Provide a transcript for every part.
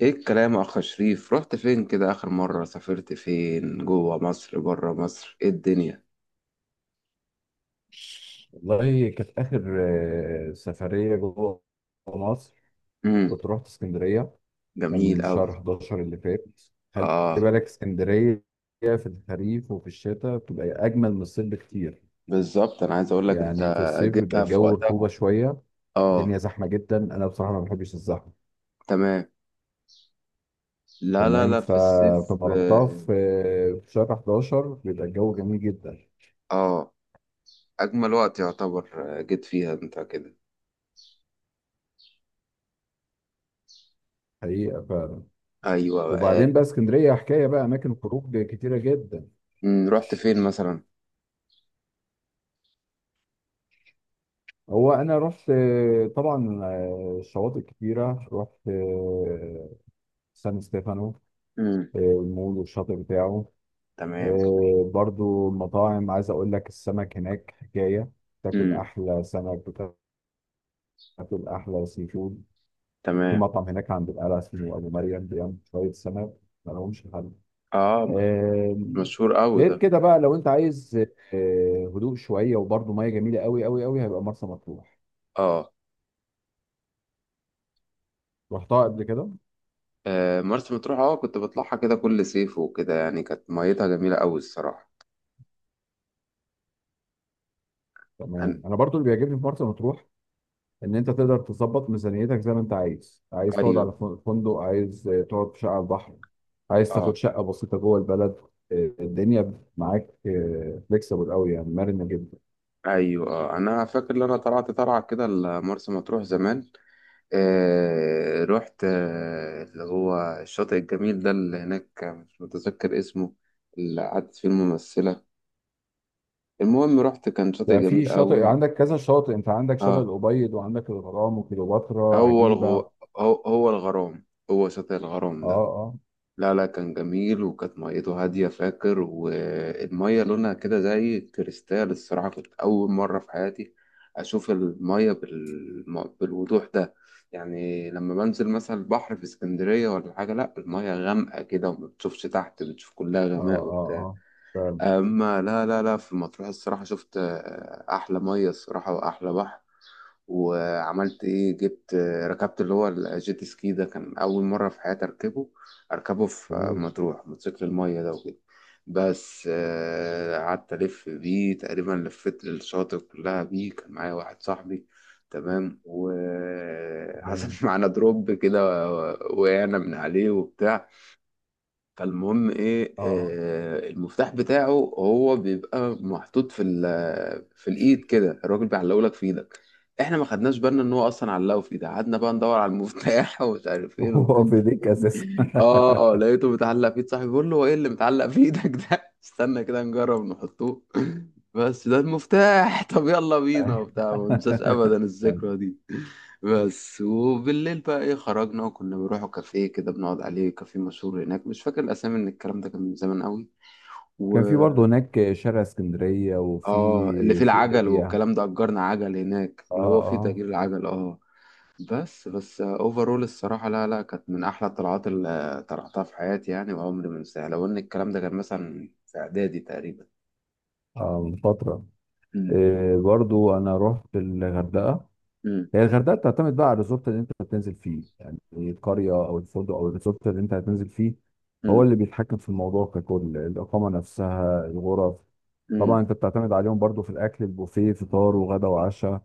ايه الكلام يا اخ شريف؟ رحت فين كده اخر مرة؟ سافرت فين، جوه مصر، بره مصر؟ ايه الدنيا؟ والله كانت آخر سفرية جوه مصر. امم. كنت رحت اسكندرية. جميل كان اوي. شهر 11 اللي فات. خلي اه. بالك اسكندرية في الخريف وفي الشتاء بتبقى أجمل من الصيف بكتير. بالظبط، انا عايز اقول لك انت يعني في الصيف بيبقى جبتها في الجو رطوبة وقتها. شوية، الدنيا اه. زحمة جدا، أنا بصراحة ما بحبش الزحمة. تمام. لا لا تمام. لا، في الصيف. فما رحتها اه في شهر 11 بيبقى الجو جميل جدا. آه، اجمل وقت يعتبر. جيت فيها انت كده. حقيقة، فعلا. ايوه. وبعدين آه. بقى اسكندرية حكاية بقى، أماكن خروج كتيرة جدا. مم. رحت فين مثلا؟ هو انا رحت، طبعا، شواطئ كتيره، رحت سان ستيفانو، امم. المول والشاطئ بتاعه. تمام، جميل. برضو المطاعم، عايز اقول لك السمك هناك حكايه، تاكل امم. احلى سمك، بتاكل احلى سي فود. في تمام. مطعم هناك عند القلعه اسمه ابو مريم، بيعمل شويه سمك ما لهمش حل. اه. آه، مشهور قوي ده. غير كده بقى، لو انت عايز هدوء شويه وبرضو ميه جميله قوي قوي قوي، هيبقى مرسى مطروح. اه. رحتها قبل كده. مرسى مطروح، كنت بطلعها كده كل صيف وكده، يعني كانت ميتها جميلة أوي الصراحة. أنا... تمام. انا برضو اللي بيعجبني في مرسى مطروح ان انت تقدر تظبط ميزانيتك زي ما انت عايز. عايز تقعد على أيوه، فندق، عايز تقعد في شقه على البحر، عايز تاخد اه. شقه بسيطه جوه البلد. الدنيا معاك، فليكسبل قوي، يعني مرنه جدا. أيوه، اه، أنا فاكر إن أنا طلعت طلعة كده لمرسى مطروح زمان. رحت اللي هو الشاطئ الجميل ده اللي هناك، مش متذكر اسمه، اللي قعدت فيه الممثلة. المهم، رحت، كان شاطئ يعني في جميل شاطئ، أوي. عندك كذا شاطئ، انت عندك شاطئ اه. الابيض وعندك الغرام وكليوباترا هو عجيبه. اه، هو الغرام، هو شاطئ الغرام ده. اه، لا لا، كان جميل وكانت ميته هادية، فاكر، والمية لونها كده زي كريستال الصراحة. كنت أول مرة في حياتي أشوف المية بالوضوح ده. يعني لما بنزل مثلا البحر في اسكندرية ولا حاجة، لا، المية غامقة كده وما بتشوفش تحت، بتشوف كلها اه، غماء اه، وبتاع. اه، فعلا. أما لا لا لا، في مطروح الصراحة شفت أحلى مية الصراحة وأحلى بحر. وعملت ايه؟ جبت، ركبت اللي هو الجيت سكي ده، كان اول مره في حياتي اركبه، اركبه في جميل. مطروح، موتوسيكل الميه ده وكده. بس قعدت الف بيه تقريبا، لفيت الشاطئ كلها بيه، كان معايا واحد صاحبي. تمام، جميل، وحصل معانا دروب كده، وقعنا من عليه وبتاع. فالمهم ايه، اه. المفتاح بتاعه هو بيبقى محطوط في في الايد كده، الراجل بيعلقه لك في ايدك. احنا ما خدناش بالنا ان هو اصلا علقه في ايدي، قعدنا بقى ندور على المفتاح ومش عارف فين هو وفين في ديك فين اساسا. اه، لقيته متعلق في ايد صاحبي. بقول له: هو ايه اللي متعلق في ايدك ده؟ استنى كده نجرب نحطوه. بس ده المفتاح. طب يلا بينا وبتاع، ما انساش ابدا الذكرى دي. بس. وبالليل بقى ايه، خرجنا وكنا بنروحوا كافيه كده، بنقعد عليه، كافيه مشهور هناك، مش فاكر الاسامي، من الكلام ده كان من زمان قوي. و كان في برضه هناك شارع اسكندرية اه، اللي وفي فيه سوق العجل ليبيا. والكلام ده، اجرنا عجل هناك، اه، اللي هو فيه اه، تأجير العجل. اه. بس اوفرول الصراحة، لا لا، كانت من احلى الطلعات اللي طلعتها في حياتي يعني، وعمري ما انساها، لو ان الكلام ده كان مثلا في اعدادي تقريبا. اه، من فترة. امم. آه، برضه أنا رحت الغردقة. امم. هي الغردقة بتعتمد بقى على الريزورت اللي أنت بتنزل فيه، يعني القرية أو الفندق أو الريزورت اللي أنت هتنزل فيه هو امم. اللي بيتحكم في الموضوع ككل، الإقامة نفسها، الغرف. امم. طبعا أنت بتعتمد عليهم برضه في الأكل، البوفيه، فطار وغدا وعشاء،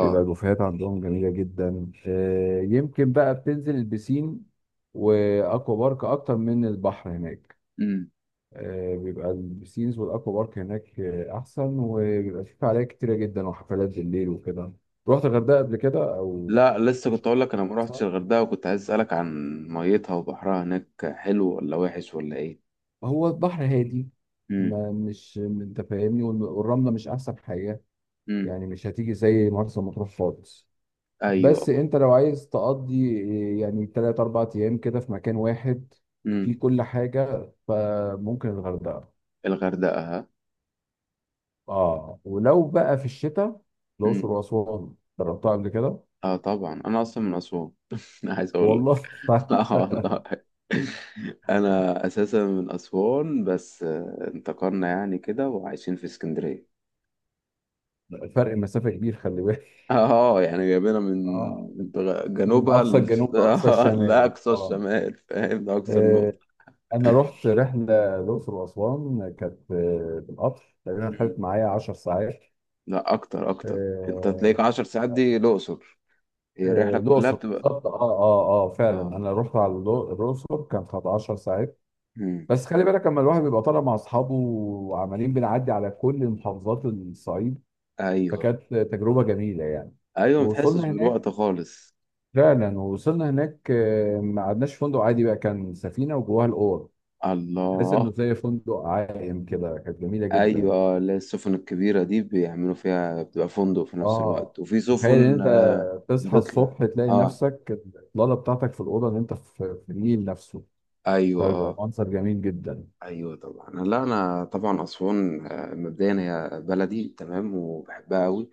بيبقى البوفيهات عندهم جميلة جدا. يمكن بقى بتنزل البسين واكوا بارك اكتر من البحر هناك. امم. بيبقى البسينز والاكوا بارك هناك احسن، وبيبقى في فعاليات كتيرة جدا وحفلات بالليل وكده. رحت الغردقة قبل كده او لا، لسه، كنت اقول لك انا ما رحتش صح؟ الغردقه، وكنت عايز اسالك عن ميتها وبحرها هناك، حلو ولا وحش ولا ايه؟ هو البحر هادي، امم. ما مش انت فاهمني، والرملة مش احسن حاجة، امم. يعني مش هتيجي زي مرسى مطروح خالص. ايوه. بس انت لو عايز تقضي يعني تلات اربع ايام كده في مكان واحد في امم. كل حاجة، فممكن الغردقة. الغردقه. اه، ولو بقى في الشتاء، الأقصر امم. وأسوان. جربتها قبل كده. اه طبعا، انا اصلا من اسوان. انا عايز اقول والله. لك. اه والله. انا اساسا من اسوان، بس انتقلنا يعني كده، وعايشين في اسكندريه. فرق مسافة كبير، خلي بالك. اه، يعني جايبينها من اه، من جنوبها أقصى الجنوب لأقصى الشمال، لاقصى اه. الشمال، فاهم؟ ده اكثر آه، نقطه. أنا رحت رحلة الأقصر وأسوان، كانت بالقطر، تقريبا خدت معايا 10 ساعات. لا، اكتر اكتر. انت تلاقيك آه، 10 ساعات دي الاقصر، هي الرحله كلها الأقصر بتبقى. بالظبط، اه، اه، اه، فعلا، اه. أنا رحت على الأقصر، كانت 10 ساعات. مم. بس خلي بالك لما الواحد بيبقى طالع مع أصحابه وعمالين بنعدي على كل محافظات الصعيد، ايوه، فكانت تجربة جميلة يعني. ايوه، ما تحسش ووصلنا هناك. بالوقت خالص. فعلا، ووصلنا هناك. ما قعدناش في فندق عادي بقى، كان سفينة وجواها الأوض، تحس إنه الله! زي فندق عائم كده، كانت جميلة جدا. ايوه، لا، السفن الكبيره دي بيعملوا فيها، بتبقى فندق في نفس اه. الوقت، وفي تخيل ان سفن انت تصحى بتطلع. الصبح تلاقي اه. نفسك الاطلاله بتاعتك في الاوضه اللي انت في النيل نفسه، ايوه، فبيبقى اه. منظر جميل جدا. ايوه طبعا، لا، انا طبعا اسوان مبدئيا هي بلدي، تمام، وبحبها قوي.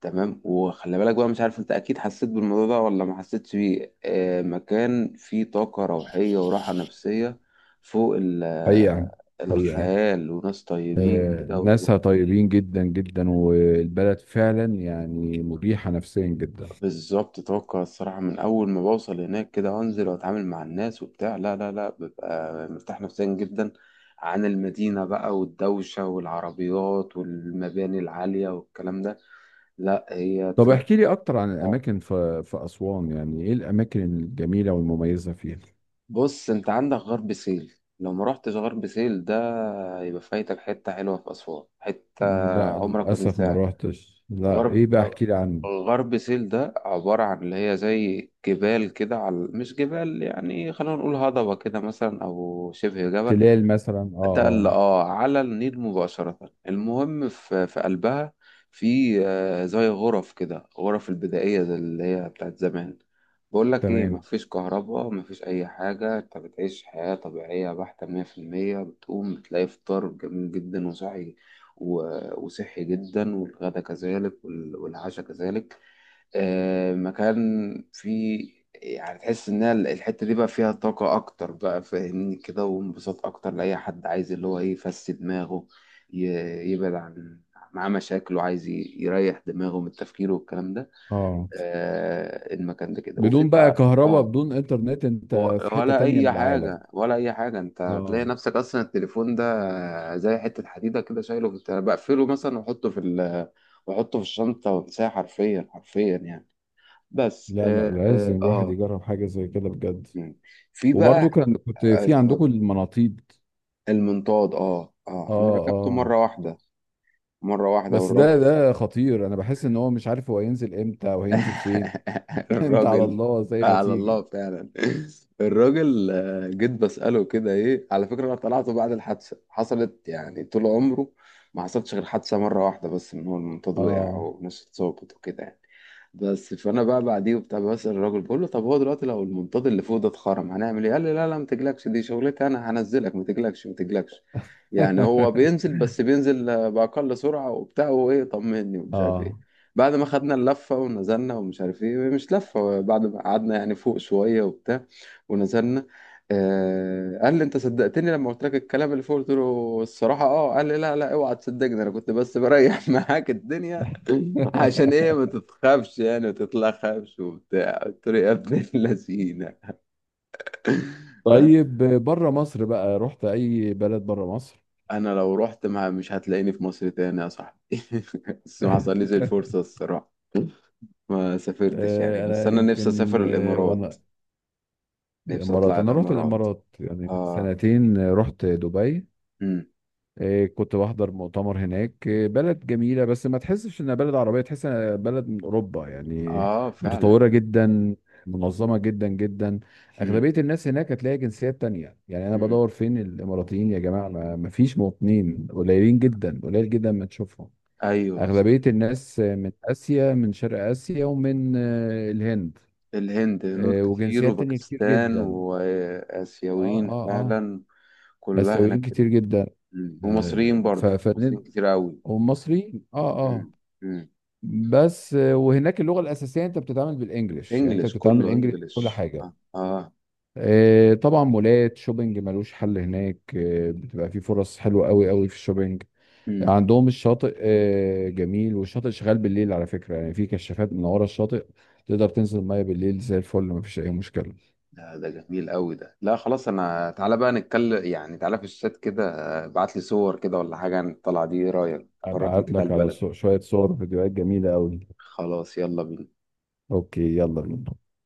تمام. وخلي بالك بقى، مش عارف انت اكيد حسيت بالموضوع ده ولا ما حسيتش بيه، مكان فيه طاقة روحية وراحة نفسية فوق حقيقة. حقيقة. الخيال، وناس طيبين كده ناسها طيبين جدا جدا، مم. والبلد فعلا يعني مريحة نفسيا جدا. بالظبط، طاقة الصراحة من أول ما بوصل هناك كده وأنزل وأتعامل مع الناس وبتاع، لا لا لا، ببقى مرتاح نفسيا جدا عن المدينة بقى والدوشة والعربيات والمباني العالية والكلام ده. لا، هي طب تروح. احكي لي اكتر عن الاماكن في اسوان، يعني ايه الاماكن الجميلة والمميزة فيها؟ بص، انت عندك غرب سهيل، لو ما رحتش غرب سهيل ده يبقى فايتك حتة حلوة في أسوان، حتة لا، عمرك ما للاسف ما تنساها. روحتش، لا، غرب ايه بقى، احكي لي عن غرب سهيل ده عبارة عن اللي هي زي جبال كده، على مش جبال يعني، خلينا نقول هضبة كده مثلا، أو شبه جبل، تلال مثلا، اه، تل، اه. على النيل مباشرة. المهم، في قلبها، في زي غرف كده، غرف البدائية زي اللي هي بتاعت زمان. بقول لك ايه، تمام، مفيش كهرباء، مفيش اي حاجة، انت بتعيش حياة طبيعية بحتة مية في المية. بتقوم بتلاقي فطار جميل جدا وصحي، وصحي جدا، والغدا كذلك، والعشاء كذلك. مكان فيه، يعني تحس ان الحته دي بقى فيها طاقه اكتر، بقى فاهمني كده، وانبساط اكتر لاي حد عايز اللي هو ايه يفسد دماغه، يبعد عن معاه مشاكل، وعايز يريح دماغه من التفكير والكلام ده. اه. آه، المكان ده كده. وفي بدون بقى بقى كهرباء، اه. بدون انترنت، انت في حتة ولا تانية من اي العالم. حاجه، ولا اي حاجه، انت هتلاقي اه. نفسك اصلا التليفون ده زي حته حديده كده، شايله انا بقفله مثلا واحطه في واحطه في الشنطه وانساه، حرفيا حرفيا يعني. بس. لا، لا، اه لازم اه. الواحد آه. يجرب حاجة زي كده بجد. مم. في بقى. وبرضو كنت في عندكم اتفضل. المناطيد. المنطاد، اه، انا ركبته اه. مره واحده، مره واحده، بس والراجل. ده خطير، انا بحس ان هو مش عارف هو هينزل امتى او هينزل فين. انت على الراجل الله زي ما على الله تيجي. فعلا. الراجل جيت بسأله كده، ايه على فكرة انا طلعته بعد الحادثة حصلت يعني، طول عمره ما حصلتش غير حادثة مرة واحدة بس، ان هو المنطاد وقع اه. وناس اتصابت وكده يعني. بس، فانا بقى بعديه وبتاع، بسأل الراجل، بقول له: طب هو دلوقتي لو المنطاد اللي فوق ده اتخرم هنعمل ايه؟ قال لي: لا لا، ما تقلقش، دي شغلتي انا، هنزلك، ما تقلقش ما تقلقش. يعني هو بينزل، بس بينزل بأقل سرعة وبتاع، وايه، طمني ومش عارف اه. ايه. بعد ما خدنا اللفة ونزلنا، ومش عارف ايه، مش لفة، بعد ما قعدنا يعني فوق شوية وبتاع ونزلنا، قال لي: انت صدقتني لما قلت لك الكلام اللي فوق؟ قلت له: الصراحة اه. قال لي: لا لا، اوعى تصدقني، انا كنت بس بريح معاك الدنيا عشان ايه ما تتخافش يعني، ما تتلخفش وبتاع. قلت له: يا ابن اللذينة! بس. طيب، بره مصر بقى رحت اي بلد بره مصر؟ انا لو رحت ما مش هتلاقيني في مصر تاني يا صاحبي. بس ما حصلليش الفرصة الصراحة، ما سافرتش يعني. بس انا انا نفسي يمكن، اسافر الامارات، وانا نفسي الامارات، اطلع انا رحت الامارات. الامارات يعني من اه. سنتين، رحت دبي. امم. إيه، كنت بحضر مؤتمر هناك، إيه، بلد جميلة، بس ما تحسش انها بلد عربية، تحس انها بلد من اوروبا يعني. اه فعلا. متطورة جدا، منظمة جدا جدا. امم. اغلبية الناس هناك هتلاقي جنسيات تانية، يعني انا امم. بدور فين الاماراتيين يا جماعة، ما فيش مواطنين، قليلين جدا، قليل جدا ما تشوفهم. ايوه بالظبط. اغلبية الناس من اسيا، من شرق اسيا ومن الهند، الهند، هنود كتير وجنسيات تانية كتير وباكستان جدا. اه، واسيويين اه، اه، فعلا. كلها آسيويين هناك كتير كده. جدا. مم. آه، ومصريين، ف- برضو فن- مصريين كتير قوي. ومصري، اه، اه. امم. امم. بس وهناك اللغه الاساسيه انت بتتعامل بالانجلش، يعني انت انجلش، بتتعامل كله انجلش في كل انجلش، حاجه. اه اه. طبعا، مولات شوبينج ملوش حل هناك، بتبقى في فرص حلوه قوي قوي في الشوبينج. امم. عندهم الشاطئ جميل، والشاطئ شغال بالليل على فكره، يعني في كشافات من ورا الشاطئ، تقدر تنزل ميه بالليل زي الفل، مفيش اي مشكله. ده جميل قوي ده. لا خلاص، انا، تعالى بقى نتكلم يعني، تعالى في الشات كده، ابعت لي صور كده ولا حاجه عن الطلعه دي، إيه رايك؟ فرجني ابعت كده على لك على البلد. شويه صور، فيديوهات جميله قوي. خلاص، يلا بينا. اوكي، يلا بينا.